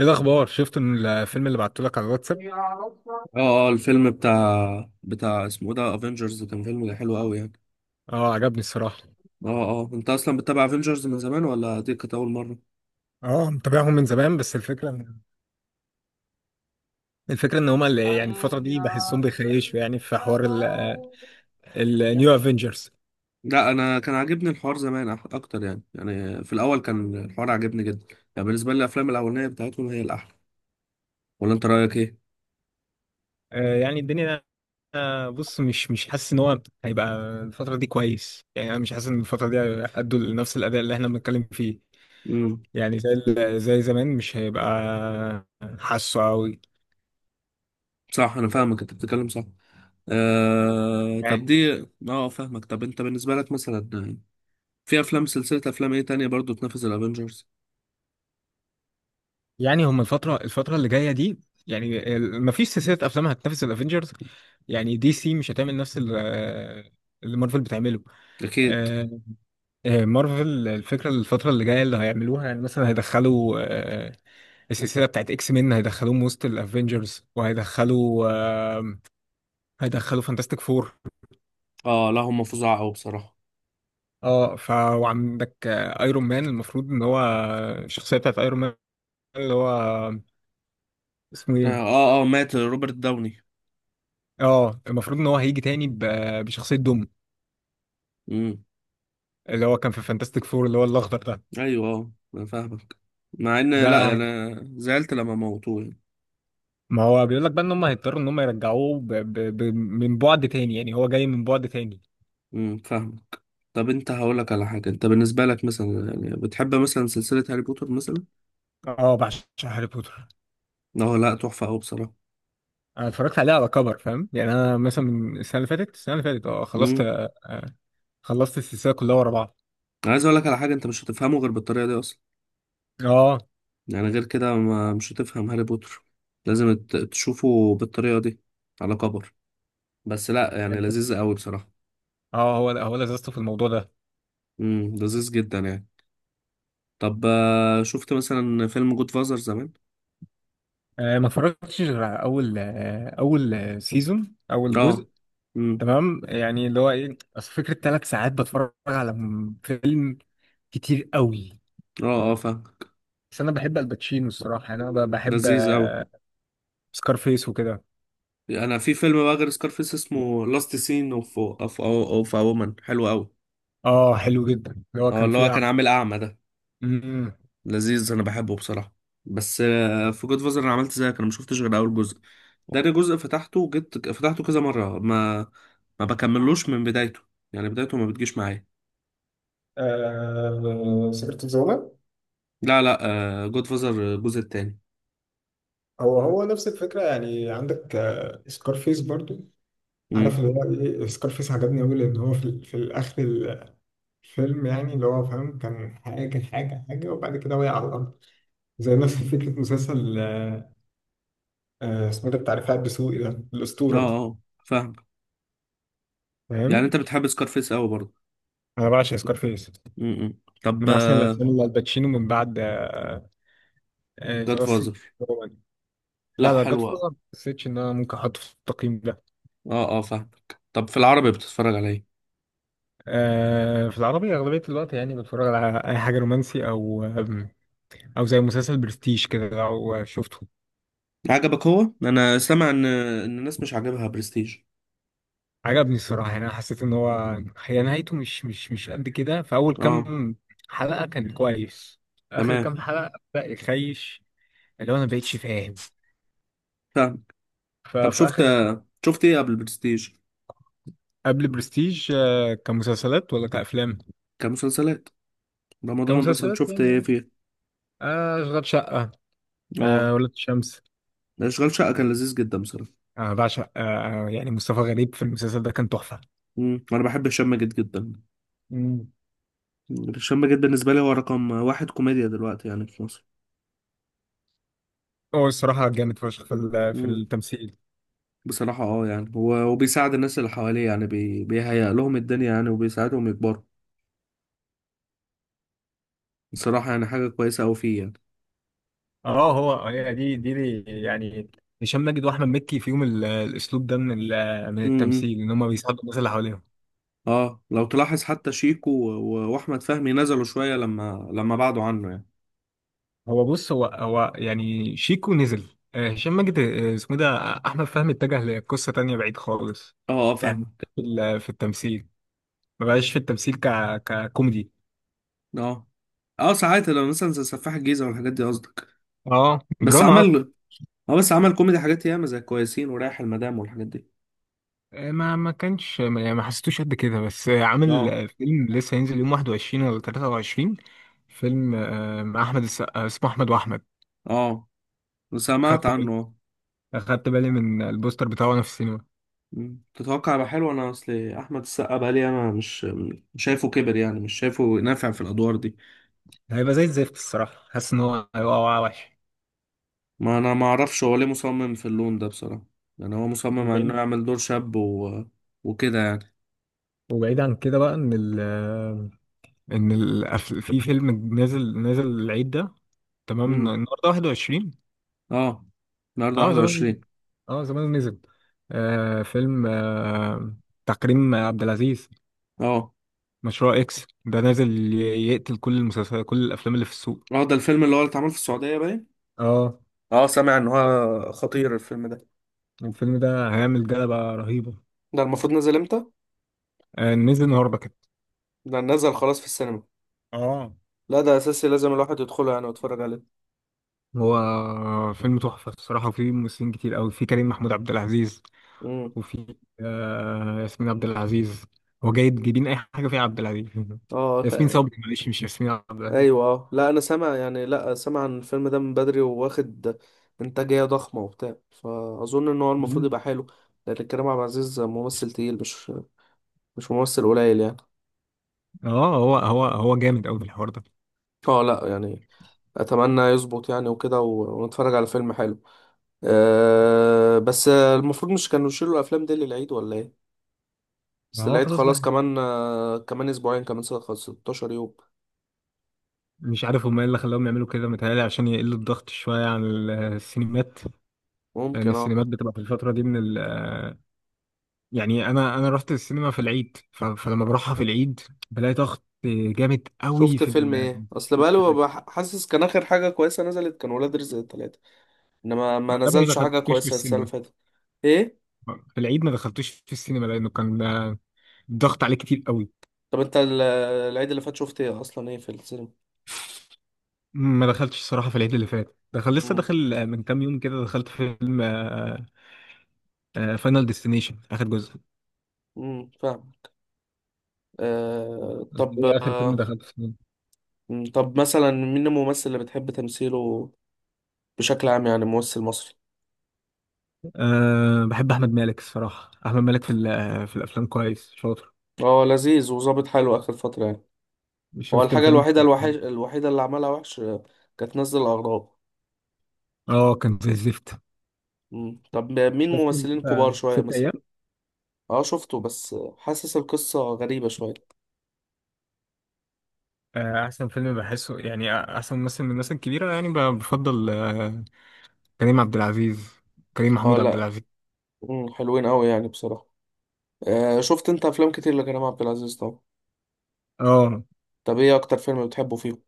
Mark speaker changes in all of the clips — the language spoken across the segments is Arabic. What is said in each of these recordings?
Speaker 1: ايه الاخبار؟ شفت إن الفيلم اللي بعته لك على الواتساب.
Speaker 2: اه، اه، الفيلم بتاع اسمه إيه ده، افنجرز، كان فيلم حلو قوي يعني.
Speaker 1: اه، عجبني الصراحه.
Speaker 2: اه، اه، انت اصلا بتتابع افنجرز من زمان ولا دي كانت اول مره؟
Speaker 1: اه متابعهم من زمان، بس الفكره ان هما اللي يعني الفتره دي بحسهم بيخيشوا، يعني في حوار النيو افنجرز.
Speaker 2: لا، انا كان عاجبني الحوار زمان اكتر يعني في الاول كان الحوار عاجبني جدا. يعني بالنسبه لي الافلام الاولانيه بتاعتهم هي الاحلى. ولا انت رايك ايه؟
Speaker 1: يعني الدنيا بص، مش حاسس ان هو هيبقى الفتره دي كويس. يعني انا مش حاسس ان الفتره دي هيأدوا لنفس الاداء اللي احنا بنتكلم فيه.
Speaker 2: امم.
Speaker 1: يعني زي زمان مش هيبقى حاسه قوي.
Speaker 2: صح، انا فاهمك، انت بتتكلم صح. طب دي. اه فاهمك، طب انت بالنسبه لك مثلا، في افلام، سلسله افلام ايه تانية برضو تنافس الافنجرز؟
Speaker 1: يعني هما الفتره اللي جايه دي، يعني ما فيش سلسله افلام هتنافس الافنجرز. يعني دي سي مش هتعمل نفس اللي مارفل بتعمله.
Speaker 2: اكيد.
Speaker 1: آه، مارفل الفكرة الفترة اللي جاية اللي هيعملوها، يعني مثلا هيدخلوا السلسلة بتاعت اكس مين هيدخلوهم وسط الافينجرز، وهيدخلوا آه، هيدخلوا فانتاستيك فور.
Speaker 2: اه لا، هم فظاع قوي بصراحه.
Speaker 1: اه ف وعندك ايرون مان، المفروض ان هو الشخصية بتاعت ايرون مان اللي هو اسمه ايه؟
Speaker 2: اه، اه، مات روبرت داوني.
Speaker 1: اه المفروض ان هو هيجي تاني بشخصية دوم،
Speaker 2: امم.
Speaker 1: اللي هو كان في فانتاستيك فور اللي هو الاخضر ده.
Speaker 2: ايوه، اه، انا فاهمك. مع ان لا يعني،
Speaker 1: ده
Speaker 2: انا زعلت لما موتوه يعني.
Speaker 1: ما هو بيقول لك بقى ان هم هيضطروا ان هم يرجعوه من بعد تاني، يعني هو جاي من بعد تاني.
Speaker 2: فاهمك. طب انت هقولك على حاجه، انت بالنسبه لك مثلا، يعني بتحب مثلا سلسله هاري بوتر مثلا؟
Speaker 1: اه بعشق هاري بوتر.
Speaker 2: اه لا، تحفه قوي بصراحه.
Speaker 1: انا اتفرجت عليه على كبر، فاهم؟ يعني انا مثلا من السنه اللي فاتت، السنه اللي فاتت اه خلصت
Speaker 2: امم.
Speaker 1: خلصت السلسله كلها ورا بعض.
Speaker 2: انا عايز اقولك على حاجه، انت مش هتفهمه غير بالطريقه دي اصلا.
Speaker 1: اه
Speaker 2: يعني غير كده ما مش هتفهم هاري بوتر. لازم تشوفه بالطريقه دي، على كبر. بس لا يعني،
Speaker 1: الفكرة-
Speaker 2: لذيذ قوي بصراحه.
Speaker 1: اه هو هو لذته في الموضوع ده.
Speaker 2: لذيذ جدا يعني. طب شفت مثلا فيلم جود فازر زمان؟
Speaker 1: ما اتفرجتش غير على اول آه، سيزون اول
Speaker 2: اه.
Speaker 1: جزء.
Speaker 2: امم.
Speaker 1: تمام، يعني اللي هو ايه؟ اصل فكره ثلاث ساعات بتفرج على فيلم، كتير قوي.
Speaker 2: اه، اه، فاهم.
Speaker 1: بس انا بحب الباتشينو الصراحه، يعني انا بحب
Speaker 2: لذيذ اوي.
Speaker 1: سكارفيس وكده.
Speaker 2: انا في فيلم بقى غير سكارفيس، اسمه لاست سين اوف وومن، حلو اوي.
Speaker 1: اه حلو جدا اللي هو
Speaker 2: اه،
Speaker 1: كان
Speaker 2: اللي هو
Speaker 1: فيه.
Speaker 2: كان عامل اعمى ده.
Speaker 1: امم،
Speaker 2: لذيذ، انا بحبه بصراحه. بس في جود فازر انا عملت زيك، انا ما شفتش غير اول جزء. ده جزء فتحته، جيت فتحته كذا مره، ما بكملوش من بدايته. يعني بدايته ما بتجيش معايا.
Speaker 1: آه سكرة الزومة.
Speaker 2: لا، لا، جود فازر الجزء التاني.
Speaker 1: هو هو نفس الفكرة، يعني عندك آه سكارفيس برضو. عارف
Speaker 2: امم.
Speaker 1: اللي هو ايه؟ سكارفيس عجبني أوي، لأن هو في، في الآخر الفيلم، يعني اللي هو فاهم كان حاجة حاجة وبعد كده وقع على الأرض. زي نفس فكرة مسلسل اسمه ده بتاع رفاعي الدسوقي ده،
Speaker 2: اه،
Speaker 1: الأسطورة.
Speaker 2: اه، فاهم. يعني
Speaker 1: فاهم.
Speaker 2: انت بتحب سكارفيس اوي برضه؟
Speaker 1: انا بعشق سكارفيس.
Speaker 2: امم. طب.
Speaker 1: من احسن الافلام اللي الباتشينو من بعد ذا آه آه،
Speaker 2: جاد
Speaker 1: The Last
Speaker 2: فازر.
Speaker 1: Kingdom. لا
Speaker 2: لا
Speaker 1: لا، جاد
Speaker 2: حلوة.
Speaker 1: فازر ما حسيتش ان انا ممكن احطه في التقييم ده.
Speaker 2: اه، اه، فاهمك، طب في العربي بتتفرج على ايه؟
Speaker 1: آه، في العربي اغلبيه الوقت يعني بتفرج على اي حاجه رومانسي، او او زي مسلسل برستيج كده لو شفته.
Speaker 2: عجبك؟ هو انا سامع ان الناس مش عاجبها برستيج.
Speaker 1: عجبني الصراحه، يعني انا حسيت ان هو هي نهايته مش قد كده. في اول
Speaker 2: اه.
Speaker 1: كام حلقه كان كويس، اخر
Speaker 2: تمام.
Speaker 1: كام حلقه بدا يخيش، اللي هو انا مبقتش فاهم
Speaker 2: فاهم. طب
Speaker 1: ففي
Speaker 2: شفت،
Speaker 1: اخر.
Speaker 2: شفت ايه قبل برستيج؟
Speaker 1: قبل برستيج؟ آه، كمسلسلات ولا كافلام؟
Speaker 2: كمسلسلات. رمضان مثلا
Speaker 1: كمسلسلات
Speaker 2: شفت ايه
Speaker 1: يعني.
Speaker 2: فيه؟
Speaker 1: آه اشغال شقه، آه
Speaker 2: اه.
Speaker 1: ولاد الشمس.
Speaker 2: ده اشغال شقة كان لذيذ جدا بصراحة.
Speaker 1: انا بعشق يعني مصطفى غريب في المسلسل ده كان تحفه.
Speaker 2: انا بحب هشام ماجد جدا.
Speaker 1: مم.
Speaker 2: هشام ماجد بالنسبة لي هو رقم واحد كوميديا دلوقتي يعني في مصر.
Speaker 1: هو الصراحه جامد فشخ في في
Speaker 2: امم.
Speaker 1: التمثيل.
Speaker 2: بصراحة، اه يعني، هو وبيساعد الناس اللي حواليه يعني، بيهيأ لهم الدنيا يعني، وبيساعدهم يكبروا. بصراحة يعني حاجة كويسة أوي فيه يعني.
Speaker 1: اه هو هي دي يعني هشام ماجد واحمد مكي فيهم الاسلوب ده من من
Speaker 2: امم،
Speaker 1: التمثيل، ان هم بيساعدوا الناس اللي حواليهم.
Speaker 2: اه، لو تلاحظ حتى شيكو واحمد فهمي نزلوا شويه لما بعدوا عنه يعني.
Speaker 1: هو بص، هو يعني شيكو نزل. هشام ماجد، اسمه إيه ده، احمد فهمي اتجه لقصه تانية بعيد خالص.
Speaker 2: اه، اه،
Speaker 1: يعني
Speaker 2: فاهمك.
Speaker 1: في التمثيل، ما بقاش في التمثيل ك ككوميدي.
Speaker 2: اه، اه، ساعات لو مثلا زي سفاح الجيزه والحاجات دي قصدك.
Speaker 1: اه
Speaker 2: بس
Speaker 1: دراما اكتر.
Speaker 2: عمل. اه، بس عمل كوميدي حاجات ياما زي كويسين ورايح المدام والحاجات دي.
Speaker 1: ما ما كانش يعني ما حسيتوش قد كده، بس عامل
Speaker 2: اه،
Speaker 1: فيلم لسه هينزل يوم 21 ولا 23، فيلم مع احمد السقا اسمه احمد واحمد.
Speaker 2: اه، سمعت
Speaker 1: خدت بالي،
Speaker 2: عنه.
Speaker 1: خدت بالي من البوستر بتاعه وانا في السينما.
Speaker 2: مم. تتوقع يبقى حلو؟ انا اصل احمد السقا بقى لي، انا مش شايفه كبر يعني، مش شايفه نافع في الادوار دي.
Speaker 1: هيبقى زي الزفت الصراحه، حاسس ان هو هيبقى وقع وحش
Speaker 2: ما انا ما اعرفش هو ليه مصمم في اللون ده بصراحه. يعني هو مصمم على انه
Speaker 1: وبعيد.
Speaker 2: يعمل دور شاب وكده يعني.
Speaker 1: وبعيد عن كده بقى، ان ال ان ال في فيلم نازل العيد ده. تمام،
Speaker 2: امم.
Speaker 1: النهارده 21.
Speaker 2: اه، النهارده
Speaker 1: اه زمان،
Speaker 2: 21.
Speaker 1: اه زمان نزل آه فيلم آه تكريم عبد العزيز.
Speaker 2: اه،
Speaker 1: مشروع اكس ده نازل يقتل كل المسلسلات كل الافلام اللي في السوق.
Speaker 2: اه، ده الفيلم اللي هو اللي اتعمل في السعودية باين.
Speaker 1: اه
Speaker 2: اه، سامع ان هو خطير الفيلم ده.
Speaker 1: الفيلم ده هيعمل جلبة رهيبة.
Speaker 2: ده المفروض نزل امتى؟
Speaker 1: نزل النهارده كده.
Speaker 2: ده نزل خلاص في السينما.
Speaker 1: اه.
Speaker 2: لا، ده اساسي، لازم الواحد يدخله يعني ويتفرج عليه.
Speaker 1: هو فيلم تحفة الصراحة، وفيه ممثلين كتير أوي. في كريم محمود عبد العزيز،
Speaker 2: امم.
Speaker 1: وفي ياسمين عبد العزيز. هو جاي جايبين أي حاجة فيها عبد العزيز
Speaker 2: اه
Speaker 1: ياسمين صبري، معلش، مش ياسمين عبد العزيز.
Speaker 2: ايوه، اه لا، انا سامع يعني، لا سامع عن الفيلم ده من بدري، وواخد انتاجية ضخمة وبتاع، فاظن ان هو المفروض يبقى
Speaker 1: مم.
Speaker 2: حلو. لان كريم عبد العزيز ممثل تقيل، مش ممثل قليل يعني.
Speaker 1: اه هو جامد أوي في الحوار ده.
Speaker 2: اه لا يعني، اتمنى يظبط يعني، وكده ونتفرج على فيلم حلو. أه، بس المفروض مش كانوا يشيلوا الافلام دي للعيد ولا ايه؟
Speaker 1: ما
Speaker 2: بس
Speaker 1: هو
Speaker 2: العيد
Speaker 1: خلاص
Speaker 2: خلاص،
Speaker 1: بقى.
Speaker 2: كمان كمان اسبوعين، كمان سنة 16 يوم.
Speaker 1: مش عارف هما ايه اللي خلاهم يعملوا كده، متهيألي عشان يقلوا الضغط شوية عن السينمات. لان
Speaker 2: ممكن، اه.
Speaker 1: السينمات بتبقى في الفتره دي من ال آه، يعني انا رحت السينما في العيد، فلما بروحها في العيد بلاقي ضغط جامد قوي
Speaker 2: شفت فيلم ايه؟ اصل بقاله
Speaker 1: بكتيريا.
Speaker 2: حاسس، كان اخر حاجة كويسة نزلت كان ولاد رزق التلاتة. انما ما
Speaker 1: ما دام ما
Speaker 2: نزلش حاجة
Speaker 1: دخلتوش في
Speaker 2: كويسة السنة
Speaker 1: السينما
Speaker 2: اللي فاتت. ايه؟
Speaker 1: في العيد، ما دخلتوش في السينما لانه كان الضغط عليه كتير قوي.
Speaker 2: طب انت العيد اللي فات شفت ايه اصلا، ايه في السينما؟
Speaker 1: ما دخلتش الصراحه في العيد اللي فات. دخل لسه
Speaker 2: امم.
Speaker 1: داخل من كام يوم كده، دخلت فيلم فاينل ديستنيشن اخر جزء.
Speaker 2: امم، فاهم.
Speaker 1: أنت
Speaker 2: طب
Speaker 1: ايه اخر فيلم دخلت السينما؟
Speaker 2: مم، طب مثلا مين الممثل اللي بتحب تمثيله بشكل عام يعني، ممثل مصري؟
Speaker 1: أه بحب احمد مالك الصراحه، احمد مالك في في الافلام كويس شاطر.
Speaker 2: هو لذيذ وظابط حلو آخر فترة يعني. هو
Speaker 1: شفت
Speaker 2: الحاجة
Speaker 1: الفيلم؟
Speaker 2: الوحيدة الوحش، الوحيدة اللي عملها وحش، كانت نزل الأغراب.
Speaker 1: اه كان زي الزفت.
Speaker 2: مم. طب مين
Speaker 1: شفت انت
Speaker 2: ممثلين كبار شوية
Speaker 1: ست
Speaker 2: مثلا؟
Speaker 1: ايام؟
Speaker 2: اه شفته، بس حاسس القصة غريبة شوية.
Speaker 1: احسن فيلم بحسه، يعني احسن ممثل من الناس الكبيره يعني بفضل كريم عبد العزيز، كريم
Speaker 2: اه
Speaker 1: محمود عبد
Speaker 2: لا.
Speaker 1: العزيز.
Speaker 2: مم، حلوين أوي يعني بصراحة. شفت انت أفلام كتير لكريم عبد العزيز طبعا.
Speaker 1: اه
Speaker 2: طب ايه أكتر فيلم بتحبه فيهم؟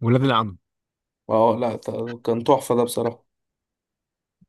Speaker 1: ولاد العم.
Speaker 2: اه لا كان تحفة ده بصراحة.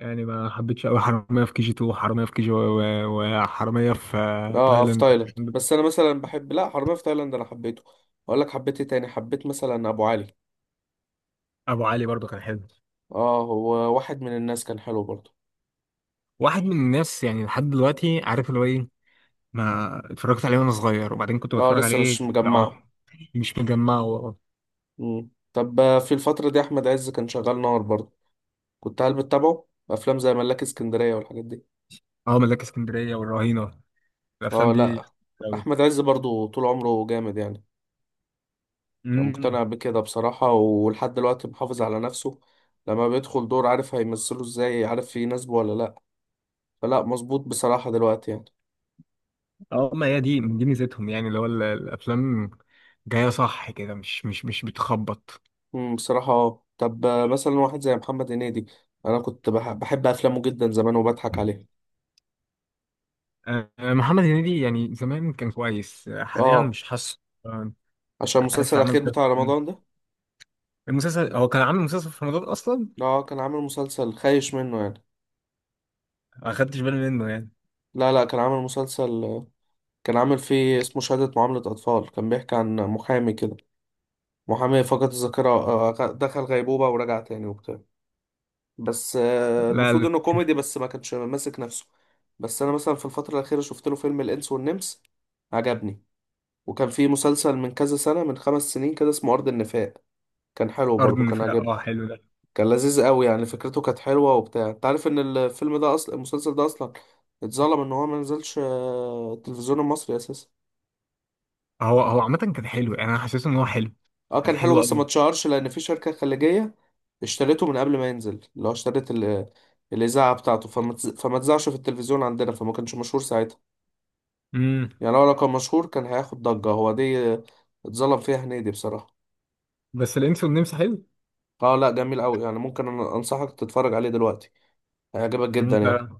Speaker 1: يعني ما حبيتش قوي حراميه في كي جي 2، وحراميه في كي جي، وحراميه في
Speaker 2: اه في
Speaker 1: تايلاند.
Speaker 2: تايلاند، بس أنا مثلا بحب، لا، حرامية في تايلاند أنا حبيته. أقول لك حبيت ايه تاني؟ حبيت مثلا أبو علي.
Speaker 1: ابو علي برضو كان حلو.
Speaker 2: اه هو واحد من الناس، كان حلو برضه.
Speaker 1: واحد من الناس، يعني لحد دلوقتي عارف اللي هو ايه، ما اتفرجت عليه وانا صغير وبعدين كنت
Speaker 2: اه،
Speaker 1: بتفرج
Speaker 2: لسه
Speaker 1: عليه
Speaker 2: مش مجمعه.
Speaker 1: يعني، مش مجمع.
Speaker 2: مم. طب في الفترة دي أحمد عز كان شغال نار برضه. كنت هل بتتابعه أفلام زي ملاك اسكندرية والحاجات دي؟
Speaker 1: اه ملاك اسكندريه والرهينه، الافلام
Speaker 2: اه
Speaker 1: دي.
Speaker 2: لأ. أحمد عز برضه طول عمره جامد يعني. يعني
Speaker 1: امم.
Speaker 2: مقتنع بكده بصراحة، ولحد دلوقتي محافظ على نفسه. لما بيدخل دور عارف هيمثله ازاي، عارف يناسبه ولا لأ. فلأ مظبوط بصراحة دلوقتي يعني.
Speaker 1: اه ما هي دي ميزتهم، يعني اللي هو الافلام جايه صح كده، مش بتخبط.
Speaker 2: مم، بصراحة اه، طب مثلا واحد زي محمد هنيدي. أنا كنت بحب أفلامه جدا زمان وبضحك عليها.
Speaker 1: محمد هنيدي يعني زمان كان كويس، حاليا
Speaker 2: اه،
Speaker 1: مش حاسه. آه،
Speaker 2: عشان المسلسل
Speaker 1: عارف عملت
Speaker 2: الأخير بتاع رمضان ده.
Speaker 1: المسلسل، هو كان عامل مسلسل في رمضان اصلا.
Speaker 2: اه، كان عامل مسلسل خايش منه يعني.
Speaker 1: ما خدتش بالي منه يعني.
Speaker 2: لا، لا، كان عامل مسلسل. كان عامل فيه اسمه شهادة معاملة أطفال، كان بيحكي عن محامي كده، محامي فقد الذاكرة، دخل غيبوبة ورجع تاني وبتاع. بس المفروض
Speaker 1: لا.
Speaker 2: إنه كوميدي بس ما كانش ماسك نفسه. بس أنا مثلا في الفترة الأخيرة شفت له فيلم الإنس والنمس، عجبني. وكان فيه مسلسل من كذا سنة، من 5 سنين كده، اسمه أرض النفاق. كان حلو
Speaker 1: الارض
Speaker 2: برضه، كان
Speaker 1: النفاق
Speaker 2: عجبني.
Speaker 1: اه حلو ده.
Speaker 2: كان لذيذ قوي يعني، فكرته كانت حلوة وبتاع. انت عارف ان الفيلم ده اصلا، المسلسل ده اصلا، اتظلم ان هو ما نزلش التلفزيون المصري اساسا.
Speaker 1: هو هو عامه كان حلو، يعني انا حسيت ان هو حلو،
Speaker 2: اه،
Speaker 1: كان
Speaker 2: كان حلو
Speaker 1: حلو
Speaker 2: بس ما
Speaker 1: قوي.
Speaker 2: اتشهرش، لان في شركة خليجية اشتريته من قبل ما ينزل، اللي هو اشترت الإذاعة بتاعته، فما اتذاعش في التلفزيون عندنا، فما كانش مشهور ساعتها.
Speaker 1: امم.
Speaker 2: يعني لو كان مشهور كان هياخد ضجة، هو دي اتظلم فيها هنيدي بصراحة.
Speaker 1: بس الانس والنمس حلو.
Speaker 2: اه لا، جميل قوي يعني، ممكن أنا انصحك تتفرج عليه دلوقتي، هيعجبك جدا
Speaker 1: ممكن،
Speaker 2: يعني.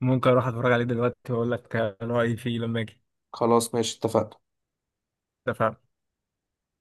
Speaker 1: ممكن اروح اتفرج عليه دلوقتي واقول لك رايي فيه لما اجي.
Speaker 2: خلاص ماشي، اتفقنا.
Speaker 1: اتفقنا.